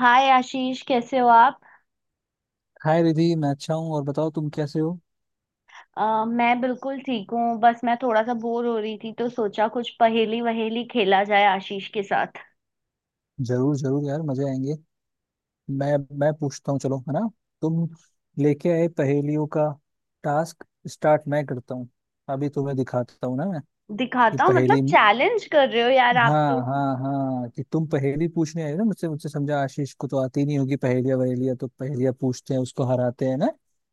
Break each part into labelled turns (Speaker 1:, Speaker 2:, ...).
Speaker 1: हाय आशीष कैसे हो आप।
Speaker 2: हाय रिधि, मैं अच्छा हूँ। और बताओ, तुम कैसे हो?
Speaker 1: मैं बिल्कुल ठीक हूँ, बस मैं थोड़ा सा बोर हो रही थी तो सोचा कुछ पहेली वहेली खेला जाए आशीष के साथ।
Speaker 2: जरूर जरूर, यार मजे आएंगे। मैं पूछता हूँ, चलो है ना। तुम लेके आए पहेलियों का टास्क। स्टार्ट मैं करता हूँ। अभी तुम्हें दिखाता हूँ ना मैं। कि
Speaker 1: दिखाता हूँ
Speaker 2: पहेली।
Speaker 1: मतलब चैलेंज कर रहे हो यार आप
Speaker 2: हाँ
Speaker 1: तो।
Speaker 2: हाँ हाँ, कि तुम पहेली पूछने आए ना मुझसे मुझसे। समझा, आशीष को तो आती नहीं होगी पहेलियाँ वहेलियाँ, तो पहेलियाँ पूछते हैं, उसको हराते हैं ना।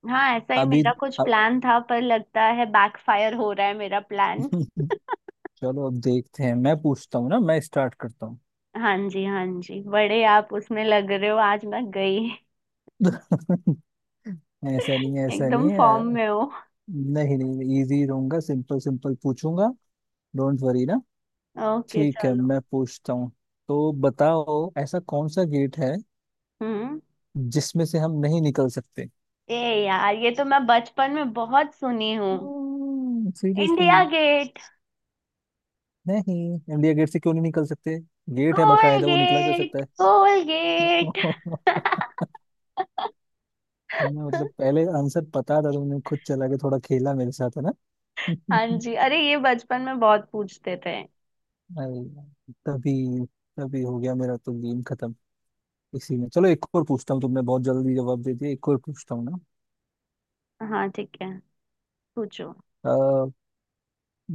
Speaker 1: हाँ ऐसा ही
Speaker 2: अभी
Speaker 1: मेरा कुछ
Speaker 2: अब-
Speaker 1: प्लान था, पर लगता है बैकफायर हो रहा है मेरा प्लान।
Speaker 2: चलो अब देखते हैं, मैं पूछता हूँ ना, मैं स्टार्ट करता हूँ।
Speaker 1: हाँ जी, हाँ जी, बड़े आप उसमें लग रहे हो आज, मैं गई।
Speaker 2: ऐसा नहीं है, ऐसा
Speaker 1: एकदम
Speaker 2: नहीं है।
Speaker 1: फॉर्म में हो।
Speaker 2: नहीं नहीं, मैं इजी रहूंगा, सिंपल सिंपल पूछूंगा। डोंट वरी ना।
Speaker 1: ओके
Speaker 2: ठीक है,
Speaker 1: चलो।
Speaker 2: मैं पूछता हूँ। तो बताओ, ऐसा कौन सा गेट है
Speaker 1: हम्म।
Speaker 2: जिसमें से हम नहीं निकल सकते?
Speaker 1: ए। यार ये तो मैं बचपन में बहुत सुनी हूँ।
Speaker 2: सीरियसली?
Speaker 1: India Gate.
Speaker 2: नहीं। इंडिया गेट से क्यों नहीं निकल सकते? गेट है बकायदा, वो निकला जा सकता
Speaker 1: कोलगेट
Speaker 2: है।
Speaker 1: कोलगेट।
Speaker 2: तुम्हें मतलब पहले आंसर पता था, तुमने खुद चला के थोड़ा खेला मेरे साथ, है ना?
Speaker 1: हाँ जी, अरे ये बचपन में बहुत पूछते थे।
Speaker 2: अरे यार, तभी तभी हो गया मेरा तो गेम खत्म। इसी में चलो, एक और पूछता हूँ, तुमने बहुत जल्दी जवाब दे दिया, एक और पूछता हूँ ना।
Speaker 1: हाँ ठीक है। पूछो।
Speaker 2: वैसे,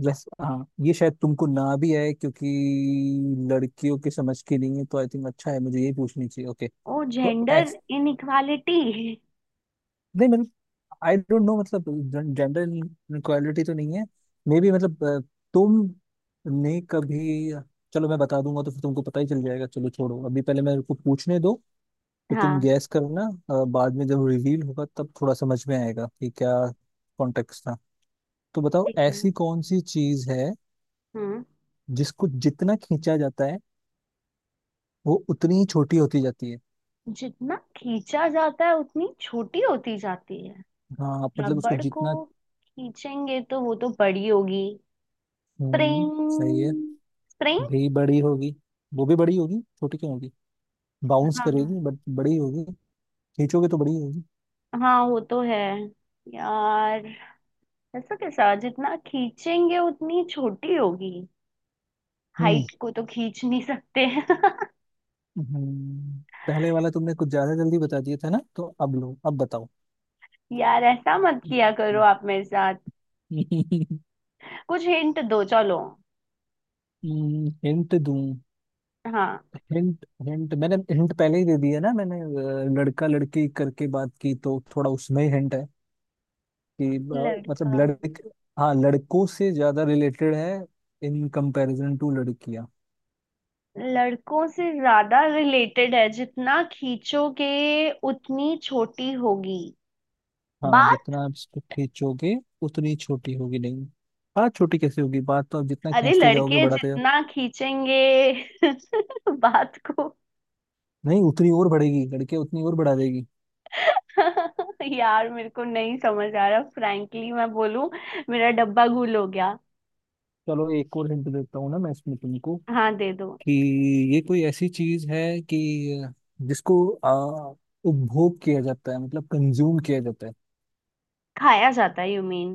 Speaker 2: हाँ ये शायद तुमको ना भी आए क्योंकि लड़कियों के समझ के नहीं है, तो आई थिंक अच्छा है, मुझे ये पूछनी चाहिए। ओके।
Speaker 1: ओ
Speaker 2: तो
Speaker 1: जेंडर
Speaker 2: ऐस
Speaker 1: इनइक्वालिटी।
Speaker 2: नहीं, मतलब आई डोंट नो, मतलब जेंडर इनक्वालिटी तो नहीं है। मे बी मतलब तुम ने कभी... चलो मैं बता दूंगा तो फिर तुमको पता ही चल जाएगा, चलो छोड़ो, अभी पहले मेरे को पूछने दो। फिर तुम
Speaker 1: हाँ
Speaker 2: गैस करना। बाद में जब रिवील होगा तब थोड़ा समझ में आएगा कि क्या कॉन्टेक्स्ट था। तो बताओ,
Speaker 1: ठीक है।
Speaker 2: ऐसी कौन सी चीज है
Speaker 1: हम्म।
Speaker 2: जिसको जितना खींचा जाता है वो उतनी ही छोटी होती जाती है?
Speaker 1: जितना खींचा जाता है उतनी छोटी होती जाती है।
Speaker 2: हाँ मतलब उसको
Speaker 1: रबड़ को
Speaker 2: जितना...
Speaker 1: खींचेंगे तो वो तो बड़ी होगी।
Speaker 2: हम्म, सही है।
Speaker 1: स्प्रिंग। स्प्रिंग।
Speaker 2: भी बड़ी होगी। वो भी बड़ी होगी, छोटी क्यों होगी? बाउंस
Speaker 1: हाँ।
Speaker 2: करेगी बट बड़ी होगी। खींचोगे तो बड़ी होगी।
Speaker 1: हाँ वो तो है। यार ऐसा कैसा, जितना खींचेंगे उतनी छोटी होगी।
Speaker 2: हम्म।
Speaker 1: हाइट को तो खींच नहीं सकते
Speaker 2: हम्म, पहले वाला तुमने कुछ ज्यादा जल्दी बता दिया था ना, तो अब लो, अब बताओ।
Speaker 1: यार ऐसा मत किया करो आप मेरे साथ। कुछ हिंट दो चलो।
Speaker 2: हिंट दूं?
Speaker 1: हाँ।
Speaker 2: हिंट हिंट, मैंने हिंट पहले ही दे दिया ना, मैंने लड़का लड़की करके बात की, तो थोड़ा उसमें ही हिंट है। कि मतलब
Speaker 1: लड़का।
Speaker 2: लड़के। हाँ, लड़कों से ज्यादा रिलेटेड है इन कंपैरिजन टू लड़कियां।
Speaker 1: लड़कों से ज्यादा रिलेटेड है, जितना खींचोगे उतनी छोटी होगी।
Speaker 2: हाँ,
Speaker 1: बात।
Speaker 2: जितना आप इसको खींचोगे उतनी छोटी होगी। नहीं, बात छोटी कैसे होगी? बात तो आप जितना
Speaker 1: अरे
Speaker 2: खींचते जाओगे,
Speaker 1: लड़के
Speaker 2: बढ़ाते जाओ।
Speaker 1: जितना खींचेंगे बात को।
Speaker 2: नहीं, उतनी और बढ़ेगी, लड़के उतनी और बढ़ा देगी।
Speaker 1: यार मेरे को नहीं समझ आ रहा, फ्रैंकली मैं बोलूं, मेरा डब्बा गुल हो गया।
Speaker 2: चलो एक और हिंट देता हूँ ना मैं इसमें तुमको।
Speaker 1: हाँ दे दो।
Speaker 2: कि ये कोई ऐसी चीज है कि जिसको आ, उपभोग किया जाता है, मतलब कंज्यूम किया जाता है।
Speaker 1: खाया जाता है यू मीन।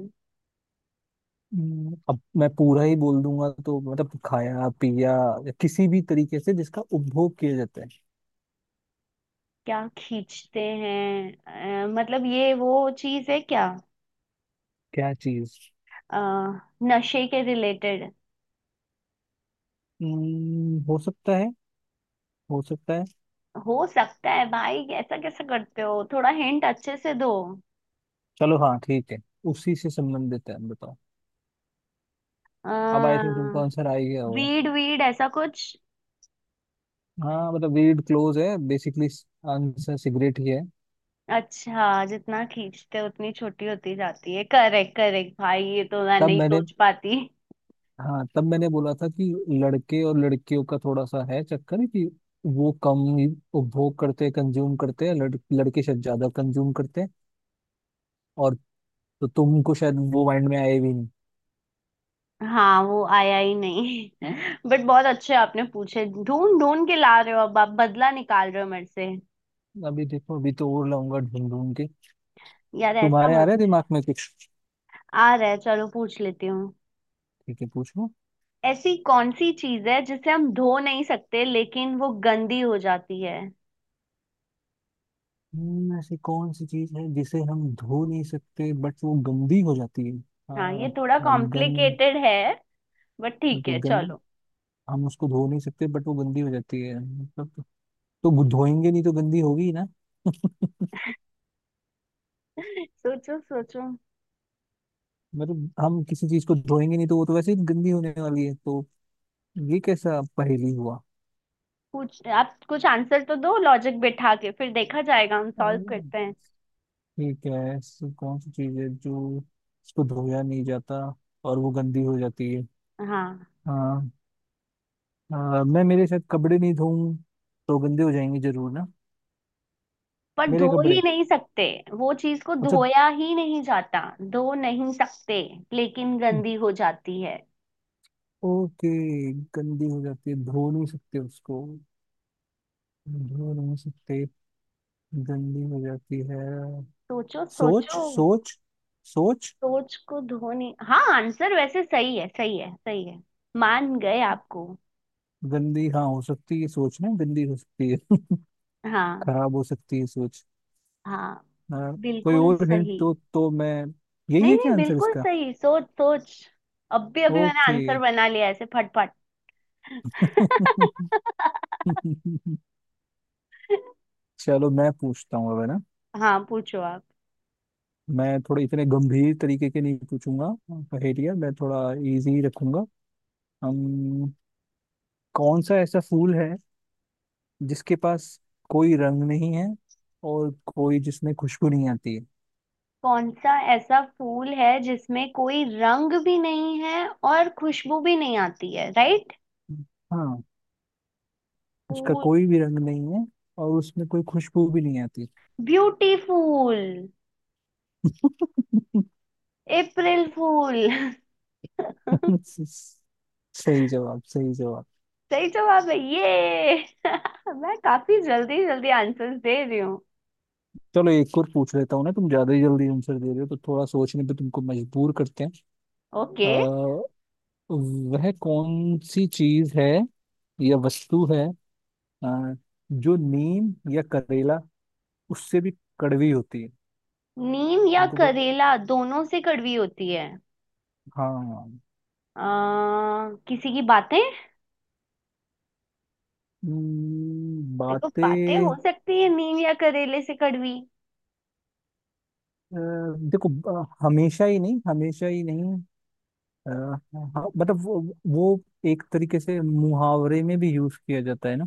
Speaker 2: अब मैं पूरा ही बोल दूंगा तो मतलब खाया पिया या किसी भी तरीके से जिसका उपभोग किया जाता है।
Speaker 1: क्या खींचते हैं? मतलब ये वो चीज है क्या?
Speaker 2: क्या चीज?
Speaker 1: अ, नशे के रिलेटेड।
Speaker 2: हो सकता है। हो सकता है।
Speaker 1: हो सकता है भाई, ऐसा कैसे करते हो, थोड़ा हिंट अच्छे से दो।
Speaker 2: चलो हाँ, ठीक है। उसी से संबंधित है, बताओ।
Speaker 1: अ,
Speaker 2: अब आई थिंक तुमको आंसर आ ही गया होगा।
Speaker 1: वीड, वीड ऐसा कुछ।
Speaker 2: हाँ मतलब रीड क्लोज है बेसिकली। आंसर सिगरेट ही है।
Speaker 1: अच्छा, जितना खींचते उतनी छोटी होती जाती है। करेक्ट करेक्ट, भाई ये तो मैं
Speaker 2: तब
Speaker 1: नहीं
Speaker 2: मैंने...
Speaker 1: सोच पाती।
Speaker 2: हाँ तब मैंने बोला था कि लड़के और लड़कियों का थोड़ा सा है चक्कर, कि वो कम ही उपभोग करते हैं, कंज्यूम करते हैं, लड़के शायद ज्यादा कंज्यूम करते हैं। और तो तुमको शायद वो माइंड में आए भी नहीं।
Speaker 1: हाँ वो आया ही नहीं बट बहुत अच्छे आपने पूछे, ढूंढ ढूंढ के ला रहे हो, अब आप बदला निकाल रहे हो मेरे से।
Speaker 2: अभी देखो, अभी तो और लाऊंगा ढूंढ ढूंढ के।
Speaker 1: यार ऐसा
Speaker 2: तुम्हारे आ
Speaker 1: मत।
Speaker 2: रहे दिमाग में कुछ?
Speaker 1: आ रहा है, चलो पूछ लेती हूँ।
Speaker 2: ठीक है, पूछो।
Speaker 1: ऐसी कौन सी चीज है जिसे हम धो नहीं सकते लेकिन वो गंदी हो जाती है?
Speaker 2: ऐसी कौन सी चीज है जिसे हम धो नहीं सकते बट वो गंदी हो जाती है?
Speaker 1: हाँ ये
Speaker 2: आ,
Speaker 1: थोड़ा
Speaker 2: गन।
Speaker 1: कॉम्प्लिकेटेड है, बट ठीक
Speaker 2: तो
Speaker 1: है
Speaker 2: गन?
Speaker 1: चलो।
Speaker 2: हम उसको धो नहीं सकते बट वो गंदी हो जाती है मतलब। तो धोएंगे नहीं तो गंदी होगी ही ना।
Speaker 1: सोचो, सोचो।
Speaker 2: मतलब हम किसी चीज को धोएंगे नहीं तो वो तो वैसे ही गंदी होने वाली है, तो ये कैसा पहेली हुआ?
Speaker 1: कुछ आप कुछ आंसर तो दो, लॉजिक बिठा के फिर देखा जाएगा, हम सॉल्व करते हैं।
Speaker 2: ठीक है, ऐसी कौन सी चीज है जो उसको धोया नहीं जाता और वो गंदी हो जाती है?
Speaker 1: हाँ।
Speaker 2: हाँ। मैं मेरे शायद कपड़े नहीं धोऊं तो गंदे हो जाएंगे जरूर ना।
Speaker 1: पर धो
Speaker 2: मेरे कपड़े।
Speaker 1: ही नहीं सकते। वो चीज को
Speaker 2: अच्छा।
Speaker 1: धोया ही नहीं जाता। धो नहीं सकते लेकिन गंदी हो जाती है।
Speaker 2: ओके। गंदी हो जाती है, धो नहीं सकते उसको। धो नहीं सकते। गंदी हो जाती है।
Speaker 1: सोचो,
Speaker 2: सोच
Speaker 1: सोचो।
Speaker 2: सोच, सोच।
Speaker 1: सोच को धोने, हाँ आंसर वैसे सही है, सही है, सही है। मान गए आपको।
Speaker 2: गंदी हाँ हो सकती है, सोच ना गंदी हो सकती है।
Speaker 1: हाँ।
Speaker 2: खराब हो सकती है सोच।
Speaker 1: हाँ,
Speaker 2: हाँ। कोई
Speaker 1: बिल्कुल
Speaker 2: और हिंट
Speaker 1: सही।
Speaker 2: तो मैं... यही
Speaker 1: नहीं
Speaker 2: है क्या
Speaker 1: नहीं,
Speaker 2: आंसर
Speaker 1: बिल्कुल
Speaker 2: इसका?
Speaker 1: सही, सोच, सोच। अभी अभी मैंने
Speaker 2: ओके।
Speaker 1: आंसर बना लिया ऐसे फटफट।
Speaker 2: चलो मैं पूछता हूँ अब, है ना?
Speaker 1: हाँ पूछो आप।
Speaker 2: मैं थोड़े इतने गंभीर तरीके के नहीं पूछूंगा पहेलियाँ, मैं थोड़ा इजी रखूंगा। हम, कौन सा ऐसा फूल है जिसके पास कोई रंग नहीं है और कोई जिसमें खुशबू नहीं आती है?
Speaker 1: कौन सा ऐसा फूल है जिसमें कोई रंग भी नहीं है और खुशबू भी नहीं आती है, राइट?
Speaker 2: हाँ, उसका
Speaker 1: फूल।
Speaker 2: कोई भी रंग नहीं है और उसमें कोई खुशबू भी नहीं आती।
Speaker 1: ब्यूटीफुल। अप्रैल फूल।
Speaker 2: सही जवाब, सही जवाब।
Speaker 1: सही जवाब है ये। मैं काफी जल्दी जल्दी आंसर्स दे रही।
Speaker 2: चलो एक और पूछ लेता हूँ ना, तुम ज्यादा ही जल्दी आंसर दे रहे हो, तो थोड़ा सोचने पे तुमको मजबूर करते हैं।
Speaker 1: ओके।
Speaker 2: आ, वह कौन सी चीज है या वस्तु है, अ, जो नीम या करेला उससे भी कड़वी होती है?
Speaker 1: नीम या
Speaker 2: तुमको
Speaker 1: करेला दोनों से कड़वी होती है?
Speaker 2: हाँ
Speaker 1: किसी की बातें। देखो बातें हो
Speaker 2: बातें।
Speaker 1: सकती है नीम या करेले से कड़वी।
Speaker 2: अ, देखो, हमेशा ही नहीं, हमेशा ही नहीं, हाँ, मतलब वो एक तरीके से मुहावरे में भी यूज किया जाता है ना।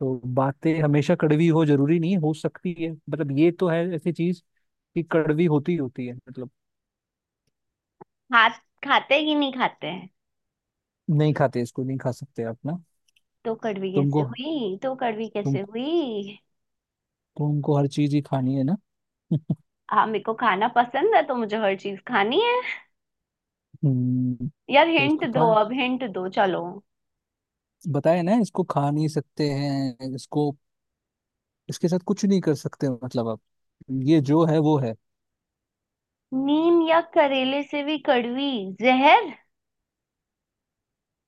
Speaker 2: तो बातें हमेशा कड़वी हो जरूरी नहीं है, हो सकती है मतलब, ये तो है ऐसी चीज कि कड़वी होती ही होती है मतलब।
Speaker 1: हाथ। खाते कि नहीं खाते हैं?
Speaker 2: नहीं खाते, इसको नहीं खा सकते आप ना।
Speaker 1: तो कड़वी कैसे
Speaker 2: तुमको
Speaker 1: हुई, तो कड़वी कैसे
Speaker 2: तुम
Speaker 1: हुई?
Speaker 2: तुमको हर चीज ही खानी है ना?
Speaker 1: हाँ मेरे को खाना पसंद है तो मुझे हर चीज खानी है। यार
Speaker 2: तो
Speaker 1: हिंट
Speaker 2: इसको खा...
Speaker 1: दो, अब हिंट दो चलो।
Speaker 2: बताए ना, इसको खा नहीं सकते हैं इसको। इसके साथ कुछ नहीं कर सकते मतलब आप। ये जो है वो है।
Speaker 1: नीम या करेले से भी कड़वी। जहर।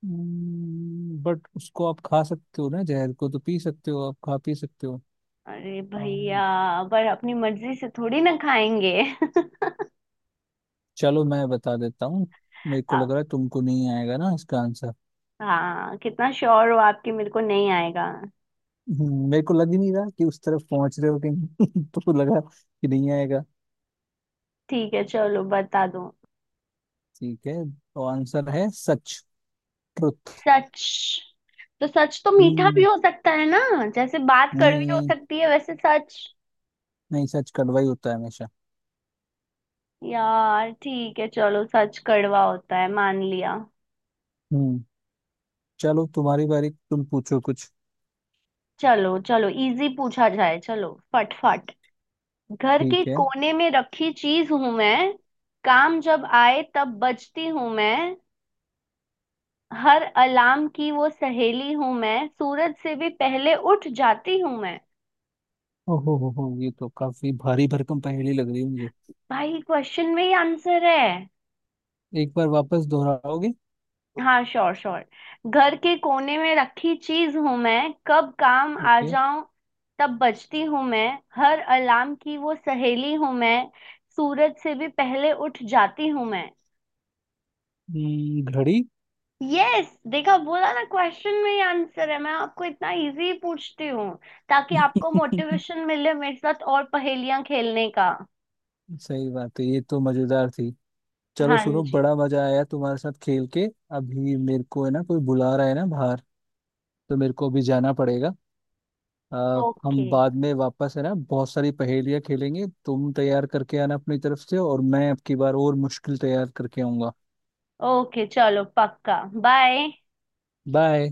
Speaker 2: बट उसको आप खा सकते हो ना, जहर को तो पी सकते हो, आप खा पी सकते हो।
Speaker 1: अरे भैया,
Speaker 2: हाँ।
Speaker 1: पर अपनी मर्जी से थोड़ी ना खाएंगे
Speaker 2: चलो मैं बता देता हूँ। मेरे को लग
Speaker 1: आप।
Speaker 2: रहा है तुमको नहीं आएगा ना इसका आंसर।
Speaker 1: हाँ कितना श्योर हो आपकी मेरे को नहीं आएगा?
Speaker 2: मेरे को लग ही नहीं रहा कि उस तरफ पहुंच रहे हो कि नहीं। तो लगा कि नहीं आएगा।
Speaker 1: ठीक है चलो बता दो।
Speaker 2: ठीक है तो आंसर है सच। ट्रुथ।
Speaker 1: सच? तो सच तो मीठा भी
Speaker 2: हम्म।
Speaker 1: हो सकता है ना। जैसे बात
Speaker 2: नहीं
Speaker 1: कड़वी हो
Speaker 2: नहीं,
Speaker 1: सकती है वैसे सच।
Speaker 2: नहीं सच कड़वा ही होता है हमेशा।
Speaker 1: यार ठीक है चलो, सच कड़वा होता है मान लिया।
Speaker 2: हम्म। चलो तुम्हारी बारी, तुम पूछो कुछ।
Speaker 1: चलो चलो इजी पूछा जाए, चलो फटफट। घर के
Speaker 2: ठीक है।
Speaker 1: कोने में रखी चीज हूं मैं, काम जब आए तब बजती हूं मैं, हर अलार्म की वो सहेली हूं मैं, सूरज से भी पहले उठ जाती हूं मैं।
Speaker 2: ओहो हो, ये तो काफी भारी भरकम पहेली लग रही है मुझे।
Speaker 1: भाई क्वेश्चन में ही आंसर है।
Speaker 2: एक बार वापस दोहराओगे?
Speaker 1: हाँ श्योर श्योर। घर के कोने में रखी चीज हूं मैं, कब काम आ
Speaker 2: ओके।
Speaker 1: जाऊं तब बजती हूं मैं, हर अलार्म की वो सहेली हूं मैं, सूरज से भी पहले उठ जाती हूं मैं।
Speaker 2: घड़ी।
Speaker 1: यस, देखा बोला ना क्वेश्चन में ही आंसर है, मैं आपको इतना इजी पूछती हूँ ताकि आपको मोटिवेशन मिले मेरे साथ और पहेलियां खेलने का।
Speaker 2: सही बात है, ये तो मजेदार थी। चलो
Speaker 1: हाँ
Speaker 2: सुनो,
Speaker 1: जी।
Speaker 2: बड़ा मजा आया तुम्हारे साथ खेल के। अभी मेरे को है ना कोई बुला रहा है ना बाहर, तो मेरे को अभी जाना पड़ेगा।
Speaker 1: ओके।
Speaker 2: हम बाद में वापस, है ना, बहुत सारी पहेलियां खेलेंगे, तुम तैयार करके आना अपनी तरफ से और मैं अब की बार और मुश्किल तैयार करके आऊंगा।
Speaker 1: ओके चलो पक्का। बाय।
Speaker 2: बाय।